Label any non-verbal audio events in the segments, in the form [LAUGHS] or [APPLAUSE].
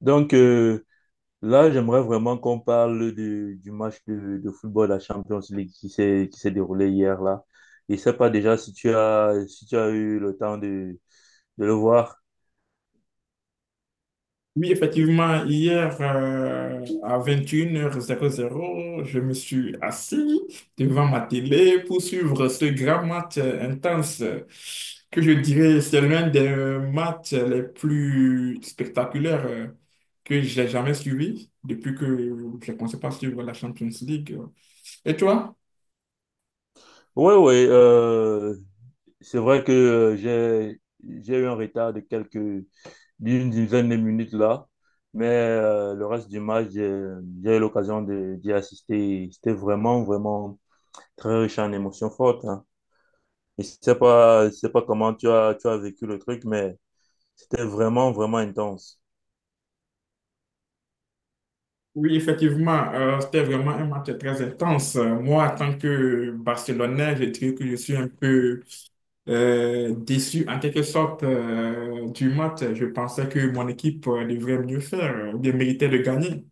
Donc euh, Là, j'aimerais vraiment qu'on parle du match de football de la Champions League qui s'est déroulé hier là. Je sais pas déjà si tu as eu le temps de le voir. Oui, effectivement, hier à 21h00 je me suis assis devant ma télé pour suivre ce grand match intense, que je dirais c'est l'un des matchs les plus spectaculaires que j'ai jamais suivi depuis que j'ai commencé par suivre la Champions League. Et toi? Oui, oui. C'est vrai que j'ai eu un retard de quelques d'une dizaine de minutes là, mais le reste du match j'ai eu l'occasion de d'y assister. C'était vraiment vraiment très riche en émotions fortes, hein. Je sais pas comment tu as vécu le truc, mais c'était vraiment, vraiment intense. Oui, effectivement, c'était vraiment un match très intense. Moi, en tant que Barcelonais, je dirais que je suis un peu déçu en quelque sorte du match. Je pensais que mon équipe devrait mieux faire, ou bien méritait de gagner.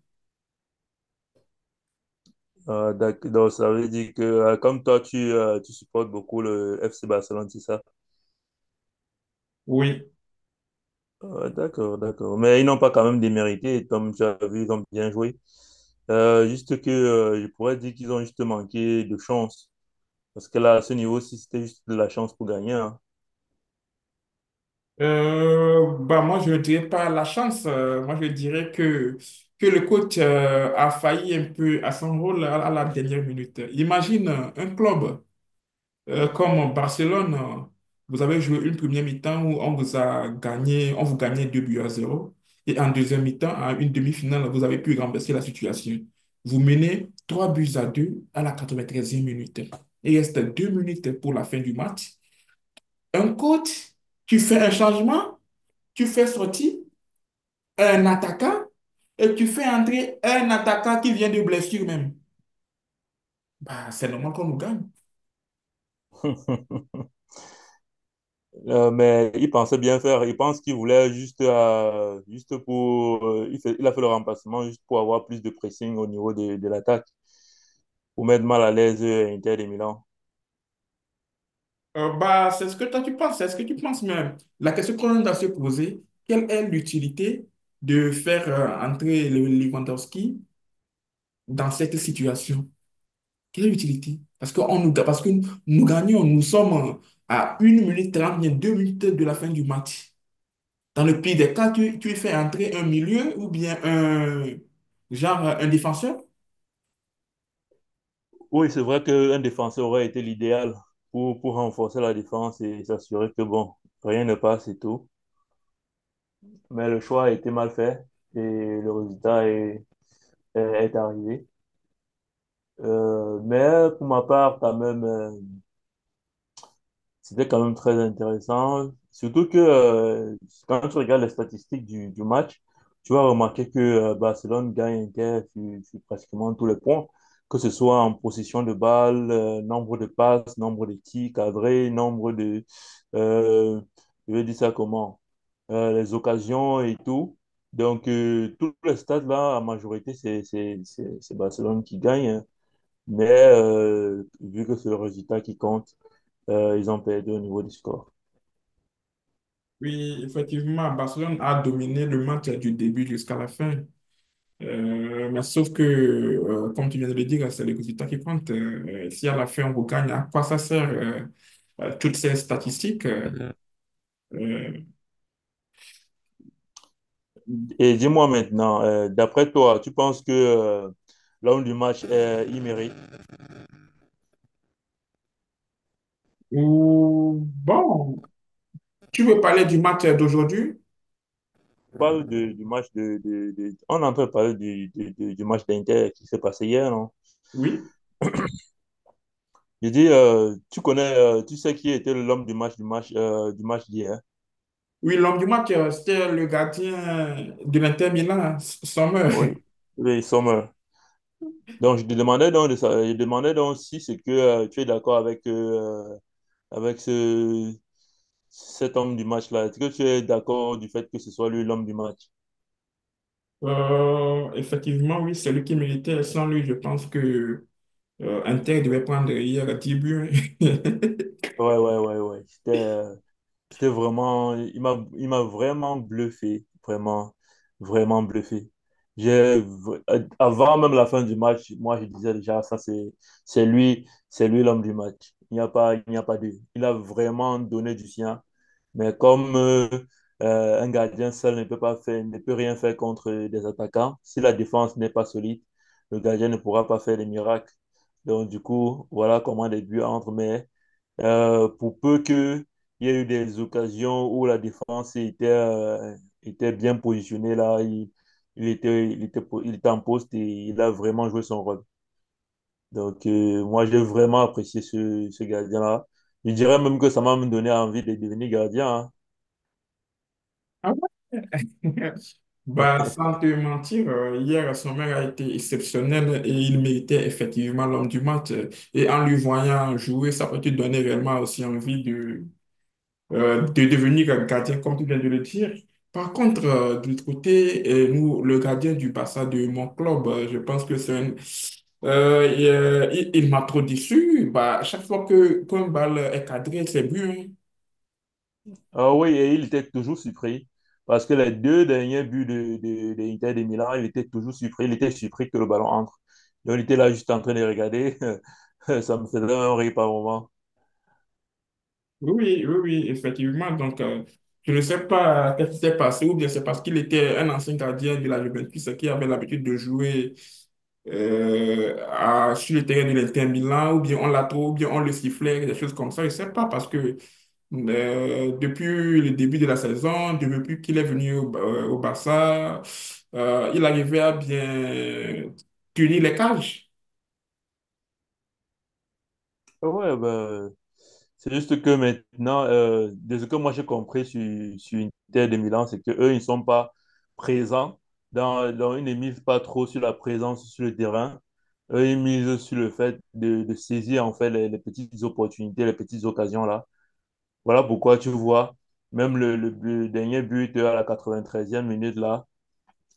Donc, ça veut dire que, comme toi, tu supportes beaucoup le FC Barcelone, c'est ça? Oui. D'accord, d'accord. Mais ils n'ont pas quand même démérité, comme tu as vu, ils ont bien joué. Juste que, je pourrais dire qu'ils ont juste manqué de chance. Parce que là, à ce niveau-ci, c'était juste de la chance pour gagner, hein. Bah moi, je ne dirais pas la chance. Moi, je dirais que le coach a failli un peu à son rôle à la dernière minute. Imagine un club. Comme en Barcelone, vous avez joué une première mi-temps où on vous a gagné, on vous gagnait 2 buts à 0, et en deuxième mi-temps, à une demi-finale, vous avez pu renverser la situation. Vous menez 3 buts à 2 à la 93e minute. Il reste 2 minutes pour la fin du match. Un coach, tu fais un changement, tu fais sortir un attaquant et tu fais entrer un attaquant qui vient de blessure même. Bah, c'est normal qu'on nous gagne. [LAUGHS] Mais il pensait bien faire. Il pense qu'il voulait juste, juste il a fait le remplacement juste pour avoir plus de pressing au niveau de l'attaque, pour mettre mal à l'aise Inter de Milan. Bah, c'est ce que toi tu penses, c'est ce que tu penses même. La question qu'on doit se poser, quelle est l'utilité de faire entrer le Lewandowski dans cette situation? Quelle est l'utilité? Parce que, parce que nous, nous gagnons, nous sommes à 1 minute 30 bien 2 minutes de la fin du match. Dans le pire des cas, tu fais entrer un milieu ou bien un genre un défenseur. Oui, c'est vrai qu'un défenseur aurait été l'idéal pour renforcer la défense et s'assurer que, bon, rien ne passe et tout. Mais le choix a été mal fait et le résultat est arrivé. Mais pour ma part, quand même, c'était quand même très intéressant. Surtout que quand tu regardes les statistiques du match, tu vas remarquer que Barcelone gagne Inter sur pratiquement tous les points, que ce soit en possession de balle, nombre de passes, nombre de tirs cadrés, nombre de... euh, je vais dire ça comment? Les occasions et tout. Donc, tous les stades là, en majorité, c'est Barcelone qui gagne, hein. Mais vu que c'est le résultat qui compte, ils ont perdu au niveau du score. Oui, effectivement, Barcelone a dominé le match du début jusqu'à la fin. Mais sauf que, comme tu viens de le dire, c'est le résultat qui compte. Si à la fin on regagne, à quoi ça sert toutes ces statistiques, euh, Et dis-moi maintenant, d'après toi, tu penses que l'homme du match, il mérite? ou bon. Tu veux parler du match d'aujourd'hui? On parle du match on est en train de parler du match d'Inter qui s'est passé hier, non? Oui. Je dis, tu sais qui était l'homme du match d'hier? Oui, l'homme du match, c'était le gardien de l'Inter Milan, hein, Sommer. Oui. Oui, Sommer. Donc, je te demandais donc, je demandais donc si c'est que tu es d'accord avec cet homme du match-là. Est-ce que tu es d'accord du fait que ce soit lui l'homme du match? Effectivement, oui, c'est lui qui méritait. Sans lui, je pense que Inter devait prendre hier 10 buts. [LAUGHS] Ouais, ouais, ouais, ouais. C'était vraiment, il m'a vraiment bluffé, vraiment, vraiment bluffé. J'ai, v- Avant même la fin du match, moi je disais déjà, c'est lui l'homme du match. Il n'y a pas deux. Il a vraiment donné du sien. Mais comme un gardien seul ne peut rien faire contre des attaquants, si la défense n'est pas solide, le gardien ne pourra pas faire des miracles. Donc du coup, voilà comment les buts entrent. Mais pour peu qu'il y ait eu des occasions où la défense était bien positionnée, là, il était en poste et il a vraiment joué son rôle. Donc, moi, j'ai vraiment apprécié ce gardien-là. Je dirais même que ça m'a même donné envie de devenir gardien, hein. Ah ouais? Bah, sans te mentir, hier, Sommer a été exceptionnel et il méritait effectivement l'homme du match. Et en lui voyant jouer, ça peut te donner réellement aussi envie de devenir gardien, comme tu viens de le dire. Par contre, de l'autre côté, nous, le gardien du Barça de mon club, je pense que c'est il m'a trop déçu. Bah, chaque fois que qu'un balle est cadré, c'est but, hein. Ah oui, et il était toujours surpris. Parce que les deux derniers buts de l'Inter de Milan, il était toujours surpris. Il était surpris que le ballon entre. Donc, il était là juste en train de regarder. [LAUGHS] Ça me faisait un rire par moment. Oui, oui, oui, oui, effectivement. Donc, je ne sais pas qu'est-ce qui s'est passé, ou bien c'est parce qu'il était un ancien gardien de la Juventus qui avait l'habitude de jouer sur le terrain de l'Inter Milan, ou bien on l'a trop, ou bien on le sifflait, des choses comme ça. Je ne sais pas parce que depuis le début de la saison, depuis qu'il est venu au Barça, il arrivait à bien tenir les cages. Ouais, bah, c'est juste que maintenant, de ce que moi j'ai compris sur Inter de Milan, c'est qu'eux, ils ne sont pas présents. Ils ne misent pas trop sur la présence sur le terrain. Eux, ils misent sur le fait de saisir en fait les petites opportunités, les petites occasions là. Voilà pourquoi tu vois, même le dernier but à la quatre-vingt-treizième minute là,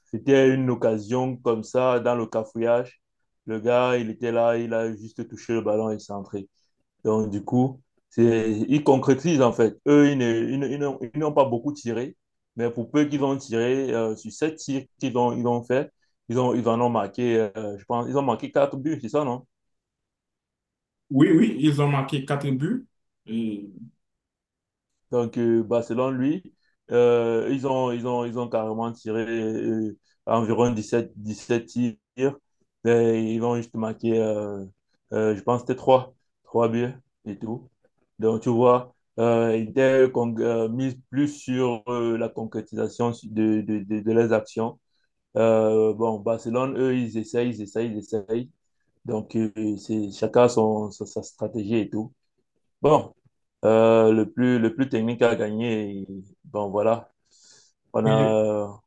c'était une occasion comme ça dans le cafouillage. Le gars, il était là, il a juste touché le ballon et il s'est entré. Donc, du coup, ils concrétisent en fait. Eux, ils n'ont pas beaucoup tiré, mais pour peu qu'ils ont tiré, sur sept tirs ils ont fait, ils en ont marqué, je pense, ils ont marqué quatre buts, c'est ça, non? Oui, oui, ils ont marqué 4 buts. Et- Donc, bah, selon lui, ils ont carrément tiré environ 17 tirs. Et ils ont juste marqué, je pense, que c'était 3 3 buts et tout. Donc, tu vois, ils étaient mis plus sur la concrétisation de leurs actions. Bon, Barcelone, eux, ils essayent, ils essayent, ils essayent. Donc, chacun a sa stratégie et tout. Bon, le plus technique à gagner, bon, voilà. On oui, a.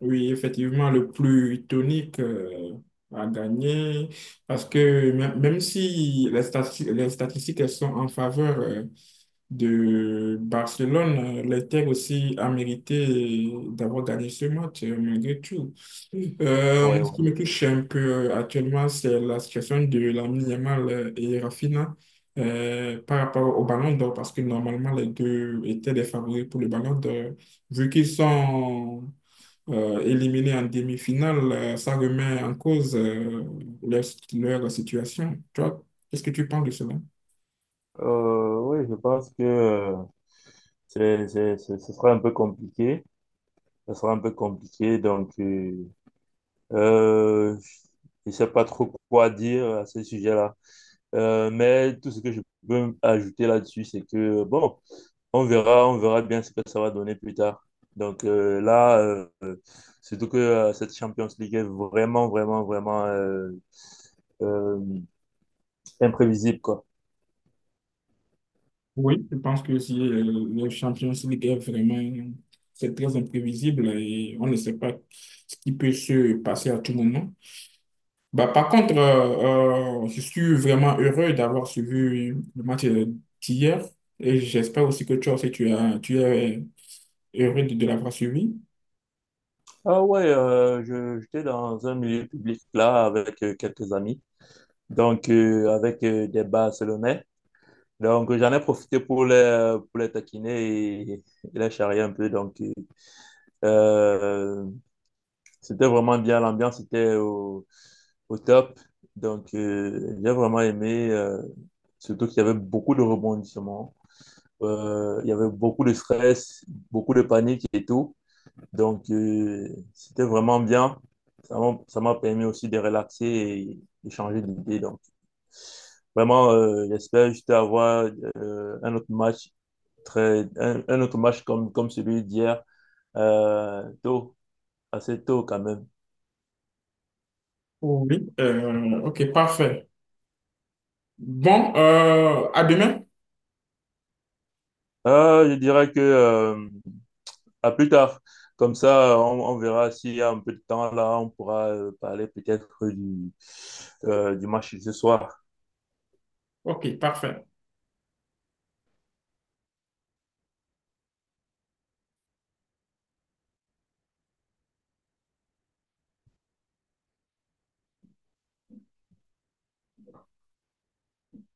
oui, effectivement, le plus tonique a gagné parce que même, même si les statistiques elles sont en faveur de Barcelone. L'Inter aussi a mérité d'avoir gagné ce match, malgré tout. Euh, Ouais, moi, ce qui ouais. me touche un peu actuellement, c'est la situation de Lamine Yamal et Rafinha par rapport au Ballon d'Or, parce que normalement, les deux étaient des favoris pour le Ballon d'Or. Vu qu'ils sont éliminés en demi-finale, ça remet en cause leur, leur situation. Toi, qu'est-ce que tu penses de cela? Oui, je pense que ce sera un peu compliqué. Ce sera un peu compliqué. Donc, euh, je ne sais pas trop quoi dire à ce sujet-là. Mais tout ce que je peux ajouter là-dessus, c'est que, bon, on verra bien ce que ça va donner plus tard. Donc là, euh, surtout que cette Champions League est vraiment, vraiment, vraiment euh, imprévisible, quoi. Oui, je pense que si le Champions League est vraiment, c'est très imprévisible et on ne sait pas ce qui peut se passer à tout moment. Bah, par contre, je suis vraiment heureux d'avoir suivi le match d'hier et j'espère aussi que toi aussi tu es heureux de l'avoir suivi. Ah ouais, j'étais dans un milieu public là avec quelques amis, donc avec des Barcelonais. Donc j'en ai profité pour les taquiner et les charrier un peu. Donc euh, c'était vraiment bien, l'ambiance était au top. Donc, j'ai vraiment aimé, surtout qu'il y avait beaucoup de rebondissements. Il y avait beaucoup de stress, beaucoup de panique et tout. Donc, c'était vraiment bien. Ça m'a permis aussi de relaxer et changer d'idée. Donc, vraiment, j'espère juste avoir euh, un autre match un autre match comme celui d'hier, euh, tôt, assez tôt quand même. Oui. Ok, parfait. Bon, à demain. Je dirais que à plus tard. Comme ça, on verra s'il y a un peu de temps là, on pourra parler peut-être du match de ce soir. Ok, parfait.